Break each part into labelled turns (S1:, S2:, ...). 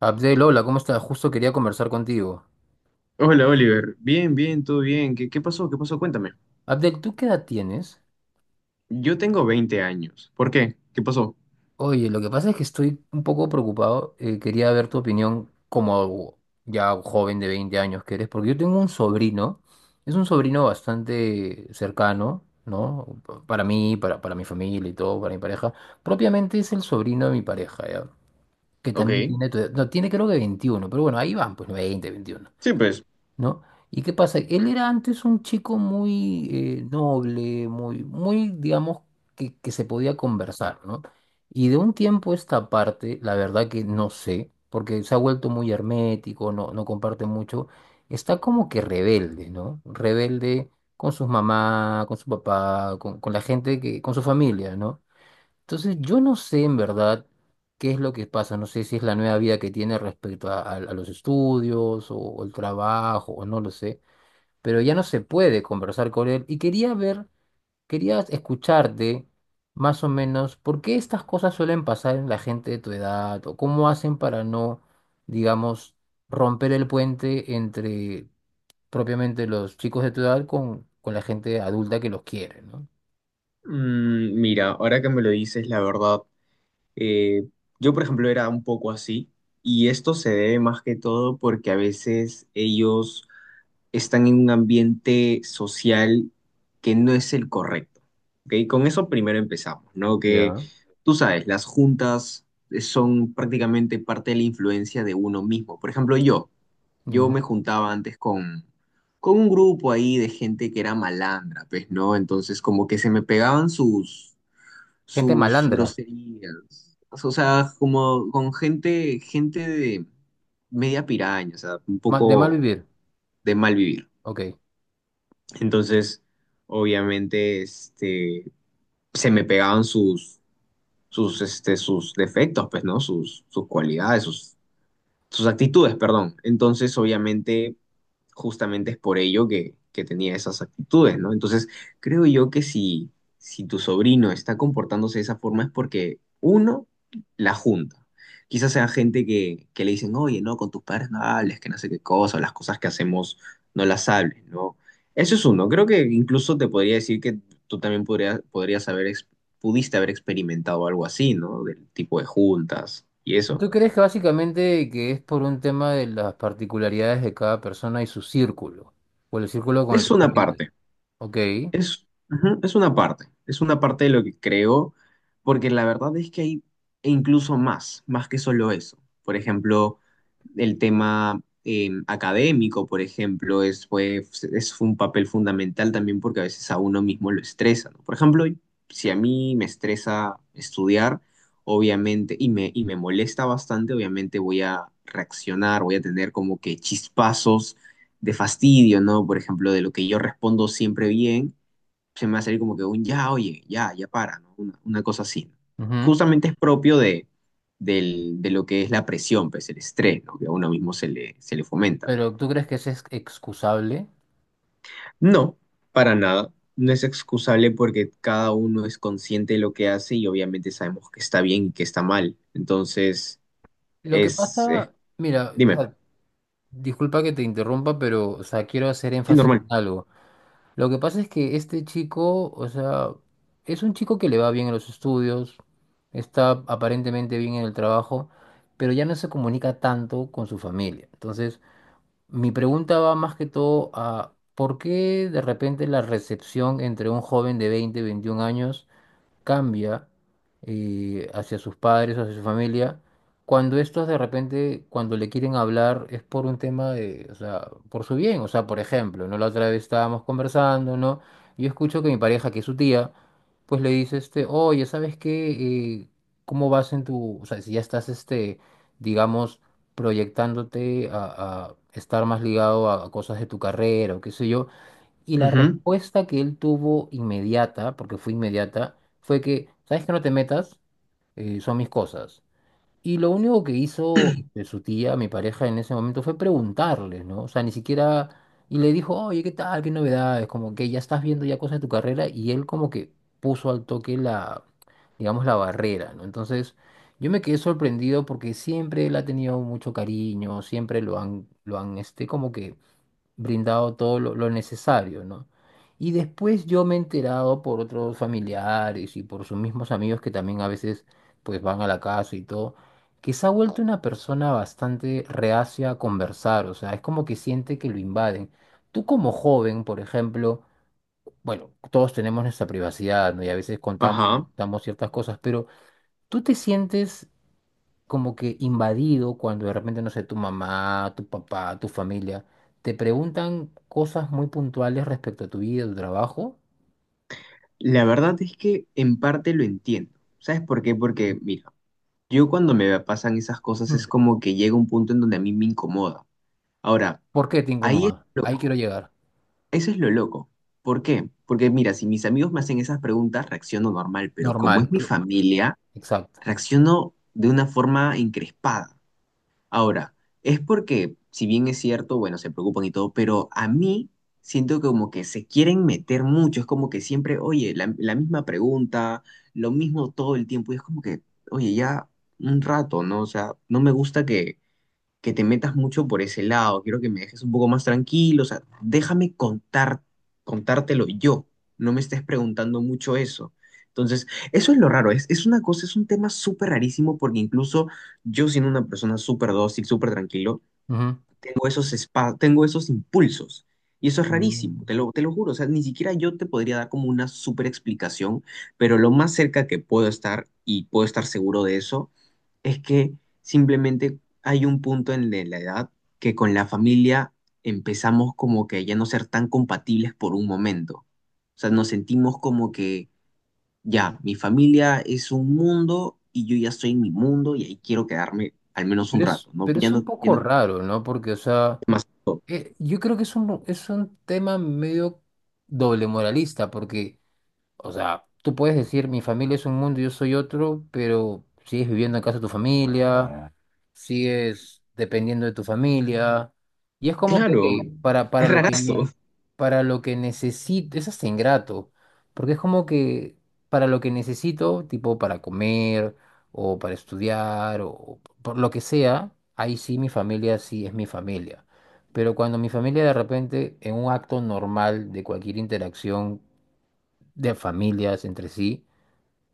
S1: Abdel, hola, ¿cómo estás? Justo quería conversar contigo.
S2: Hola Oliver, bien, bien, todo bien. ¿Qué pasó? ¿Qué pasó? Cuéntame.
S1: Abdel, ¿tú qué edad tienes?
S2: Yo tengo 20 años. ¿Por qué? ¿Qué pasó?
S1: Oye, lo que pasa es que estoy un poco preocupado. Quería ver tu opinión como ya joven de 20 años que eres, porque yo tengo un sobrino. Es un sobrino bastante cercano, ¿no? Para mí, para mi familia y todo, para mi pareja. Propiamente es el sobrino de mi pareja, ¿ya? Que también
S2: Ok.
S1: tiene tu edad. No, tiene creo que 21, pero bueno, ahí van, pues 20, 21.
S2: Sí, pues.
S1: ¿No? ¿Y qué pasa? Él era antes un chico muy noble, muy, muy, digamos, que se podía conversar, ¿no? Y de un tiempo a esta parte, la verdad que no sé, porque se ha vuelto muy hermético, no, no comparte mucho, está como que rebelde, ¿no? Rebelde con sus mamás, con su papá, con la gente que, con su familia, ¿no? Entonces, yo no sé en verdad qué es lo que pasa, no sé si es la nueva vida que tiene respecto a los estudios o el trabajo, o no lo sé, pero ya no se puede conversar con él y quería ver, quería escucharte más o menos por qué estas cosas suelen pasar en la gente de tu edad o cómo hacen para no, digamos, romper el puente entre propiamente los chicos de tu edad con la gente adulta que los quiere, ¿no?
S2: Mm, mira, ahora que me lo dices, la verdad, eh, yo por ejemplo era un poco así y esto se debe más que todo porque a veces ellos están en un ambiente social que no es el correcto. ¿Ok? Con eso primero empezamos, ¿no? Que
S1: Ya.
S2: tú sabes, las juntas son prácticamente parte de la influencia de uno mismo. Por ejemplo, yo me
S1: Ujú.
S2: juntaba antes con un grupo ahí de gente que era malandra, pues, ¿no? Entonces como que se me pegaban
S1: Gente
S2: sus
S1: malandra,
S2: groserías. O sea, como con gente de media piraña, o sea, un
S1: de mal
S2: poco
S1: vivir.
S2: de mal vivir.
S1: Ok.
S2: Entonces, obviamente, se me pegaban sus defectos, pues, ¿no? Sus cualidades, sus actitudes, perdón. Entonces, obviamente, justamente es por ello que tenía esas actitudes, ¿no? Entonces, creo yo que si tu sobrino está comportándose de esa forma es porque uno la junta. Quizás sea gente que le dicen, oye, no, con tus padres no hables, que no sé qué cosa, o las cosas que hacemos no las hables, ¿no? Eso es uno. Creo que incluso te podría decir que tú también podrías pudiste haber experimentado algo así, ¿no? Del tipo de juntas y eso.
S1: ¿Tú crees que básicamente que es por un tema de las particularidades de cada persona y su círculo? O el círculo con el que
S2: Es
S1: está
S2: una
S1: ahorita.
S2: parte.
S1: Ok.
S2: Es, ujú, es una parte de lo que creo, porque la verdad es que hay e incluso más, más que solo eso. Por ejemplo, el tema académico, por ejemplo, es un papel fundamental también porque a veces a uno mismo lo estresa, ¿no? Por ejemplo, si a mí me estresa estudiar, obviamente, y me molesta bastante, obviamente voy a reaccionar, voy a tener como que chispazos de fastidio, ¿no? Por ejemplo, de lo que yo respondo siempre bien se me va a salir como que un ya, oye, ya, ya para, ¿no? Una cosa así, ¿no?
S1: Ujú.
S2: Justamente es propio de lo que es la presión, pues el estrés, ¿no? Que a uno mismo se le fomenta.
S1: Pero ¿tú crees que eso es excusable?
S2: No, para nada. No es excusable porque cada uno es consciente de lo que hace y obviamente sabemos que está bien y que está mal. Entonces,
S1: Lo que
S2: es, es-
S1: pasa, mira, o
S2: dime,
S1: sea, disculpa que te interrumpa, pero o sea, quiero hacer
S2: sí,
S1: énfasis
S2: normal.
S1: en algo. Lo que pasa es que este chico, o sea, es un chico que le va bien en los estudios, está aparentemente bien en el trabajo, pero ya no se comunica tanto con su familia. Entonces, mi pregunta va más que todo a ¿por qué de repente la recepción entre un joven de 20, 21 años cambia hacia sus padres, hacia su familia, cuando estos de repente, cuando le quieren hablar, es por un tema de, o sea, por su bien? O sea, por ejemplo, ¿no? La otra vez estábamos conversando, ¿no? Yo escucho que mi pareja, que es su tía, pues le dice, este, oye, ¿sabes qué? Eh, ¿Cómo vas en tu, o sea, si ya estás, este, digamos, proyectándote a estar más ligado a cosas de tu carrera o qué sé yo? Y la
S2: Ujú.
S1: respuesta que él tuvo inmediata, porque fue inmediata, fue que, ¿sabes que no te metas. Son mis cosas. Y lo único que hizo este, su tía, mi pareja en ese momento, fue preguntarle, ¿no? O sea, ni siquiera. Y le dijo, oye, ¿qué tal? ¿Qué novedades? Como que ya estás viendo ya cosas de tu carrera. Y él como que puso al toque la, digamos, la barrera, ¿no? Entonces, yo me quedé sorprendido porque siempre él ha tenido mucho cariño, siempre lo han como que brindado todo lo necesario, ¿no? Y después yo me he enterado por otros familiares y por sus mismos amigos que también a veces pues van a la casa y todo, que se ha vuelto una persona bastante reacia a conversar, o sea, es como que siente que lo invaden. Tú como joven, por ejemplo, bueno, todos tenemos nuestra privacidad, ¿no? Y a veces contamos,
S2: Ajá.
S1: contamos ciertas cosas, pero ¿tú te sientes como que invadido cuando de repente, no sé, tu mamá, tu papá, tu familia, te preguntan cosas muy puntuales respecto a tu vida, tu trabajo?
S2: La verdad es que en parte lo entiendo. ¿Sabes por qué? Porque, mira, yo cuando me pasan esas cosas es
S1: Mm.
S2: como que llega un punto en donde a mí me incomoda. Ahora,
S1: ¿Por qué te
S2: ahí es
S1: incomoda?
S2: lo
S1: Ahí quiero
S2: loco.
S1: llegar.
S2: Eso es lo loco. ¿Por qué? Porque mira, si mis amigos me hacen esas preguntas, reacciono normal, pero como
S1: Normal,
S2: es mi familia,
S1: exacto.
S2: reacciono de una forma encrespada. Ahora, es porque, si bien es cierto, bueno, se preocupan y todo, pero a mí siento que como que se quieren meter mucho, es como que siempre, oye, la misma pregunta, lo mismo todo el tiempo, y es como que, oye, ya un rato, ¿no? O sea, no me gusta que te metas mucho por ese lado, quiero que me dejes un poco más tranquilo, o sea, déjame contártelo yo, no me estés preguntando mucho eso. Entonces, eso es lo raro, es una cosa, es un tema súper rarísimo porque incluso yo siendo una persona súper dócil, súper tranquilo,
S1: Ujú.
S2: tengo esos impulsos. Y eso es rarísimo,
S1: Mm.
S2: te lo juro. O sea, ni siquiera yo te podría dar como una súper explicación, pero lo más cerca que puedo estar y puedo estar seguro de eso es que simplemente hay un punto en de la edad que con la familia empezamos como que ya no ser tan compatibles por un momento. O sea, nos sentimos como que ya, mi familia es un mundo y yo ya estoy en mi mundo y ahí quiero quedarme al menos un rato, ¿no?
S1: Pero
S2: Ya
S1: es un
S2: no, ya
S1: poco
S2: no
S1: raro, ¿no? Porque, o sea,
S2: más.
S1: yo creo que es un tema medio doble moralista, porque, o sea, tú puedes decir, mi familia es un mundo y yo soy otro, pero sigues viviendo en casa de tu familia. Ah, sigues dependiendo de tu familia. Y es como que,
S2: Claro,
S1: ok,
S2: qué rarazo.
S1: para lo que necesito, es hasta ingrato, porque es como que, para lo que necesito, tipo para comer o para estudiar o por lo que sea, ahí sí mi familia sí es mi familia. Pero cuando mi familia de repente, en un acto normal de cualquier interacción, de familias entre sí,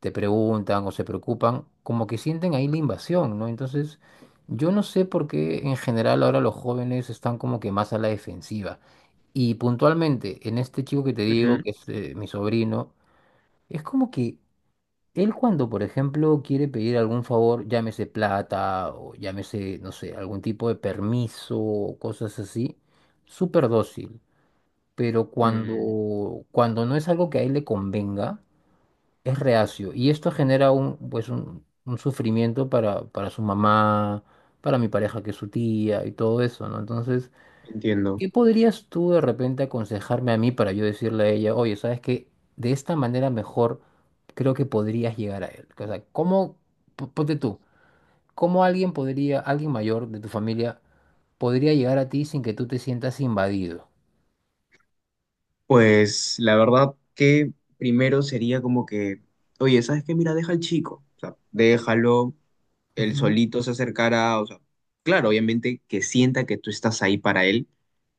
S1: te preguntan o se preocupan, como que sienten ahí la invasión, ¿no? Entonces, yo no sé por qué en general ahora los jóvenes están como que más a la defensiva. Y puntualmente, en este chico que te digo,
S2: Ujú.
S1: que es mi sobrino, es como que él, cuando por ejemplo quiere pedir algún favor, llámese plata o llámese, no sé, algún tipo de permiso o cosas así, súper dócil. Pero
S2: Mm,
S1: cuando, cuando no es algo que a él le convenga, es reacio, y esto genera pues un sufrimiento para su mamá, para mi pareja que es su tía y todo eso, ¿no? Entonces,
S2: entiendo.
S1: ¿qué podrías tú de repente aconsejarme a mí para yo decirle a ella, oye, sabes que de esta manera mejor creo que podrías llegar a él? O sea, ¿cómo, ponte tú, cómo alguien podría, alguien mayor de tu familia, podría llegar a ti sin que tú te sientas invadido?
S2: Pues la verdad que primero sería como que, oye, ¿sabes qué? Mira, deja al chico. O sea, déjalo, él solito se acercará, o sea, claro, obviamente que sienta que tú estás ahí para él,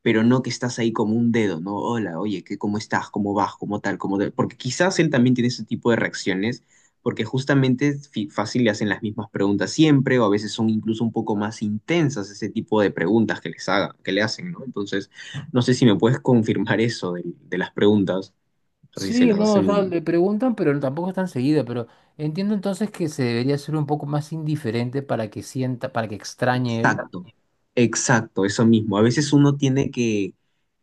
S2: pero no que estás ahí como un dedo, ¿no? Hola, oye, ¿cómo estás? ¿Cómo vas? ¿Cómo tal? ¿Cómo tal? Porque quizás él también tiene ese tipo de reacciones, porque justamente fácil le hacen las mismas preguntas siempre, o a veces son incluso un poco más intensas ese tipo de preguntas que le hacen, ¿no? Entonces, no sé si me puedes confirmar eso de las preguntas, o sea, si se
S1: Sí,
S2: las
S1: no, o sea,
S2: hacen.
S1: le preguntan, pero tampoco es tan seguido, pero entiendo entonces que se debería ser un poco más indiferente para que sienta, para que extrañe él.
S2: Exacto, exacto, eso mismo.
S1: Ok,
S2: A veces uno tiene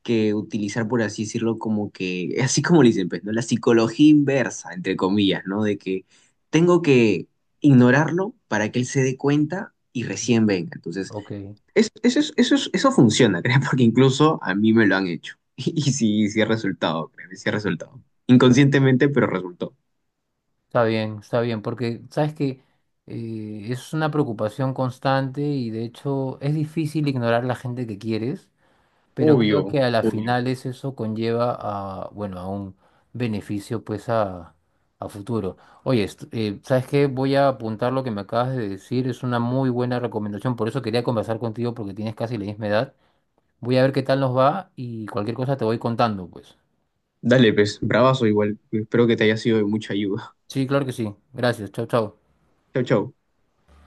S2: que utilizar, por así decirlo, como que, así como le dicen, pues, ¿no? La psicología inversa, entre comillas, ¿no? De que tengo que ignorarlo para que él se dé cuenta y recién venga. Entonces,
S1: ok,
S2: eso funciona, creo, porque incluso a mí me lo han hecho. Y, sí, sí ha resultado, créeme, sí ha resultado. Inconscientemente, pero resultó.
S1: está bien, porque sabes que es una preocupación constante, y de hecho es difícil ignorar la gente que quieres. Pero creo
S2: Obvio,
S1: que a la
S2: obvio.
S1: final eso conlleva a, bueno, a un beneficio, pues, a, futuro. Oye, ¿sabes qué? Voy a apuntar lo que me acabas de decir, es una muy buena recomendación, por eso quería conversar contigo porque tienes casi la misma edad. Voy a ver qué tal nos va y cualquier cosa te voy contando, pues.
S2: Dale, pues, bravazo igual. Espero que te haya sido de mucha ayuda.
S1: Sí, claro que sí. Gracias. Chao, chao.
S2: Chau, chau.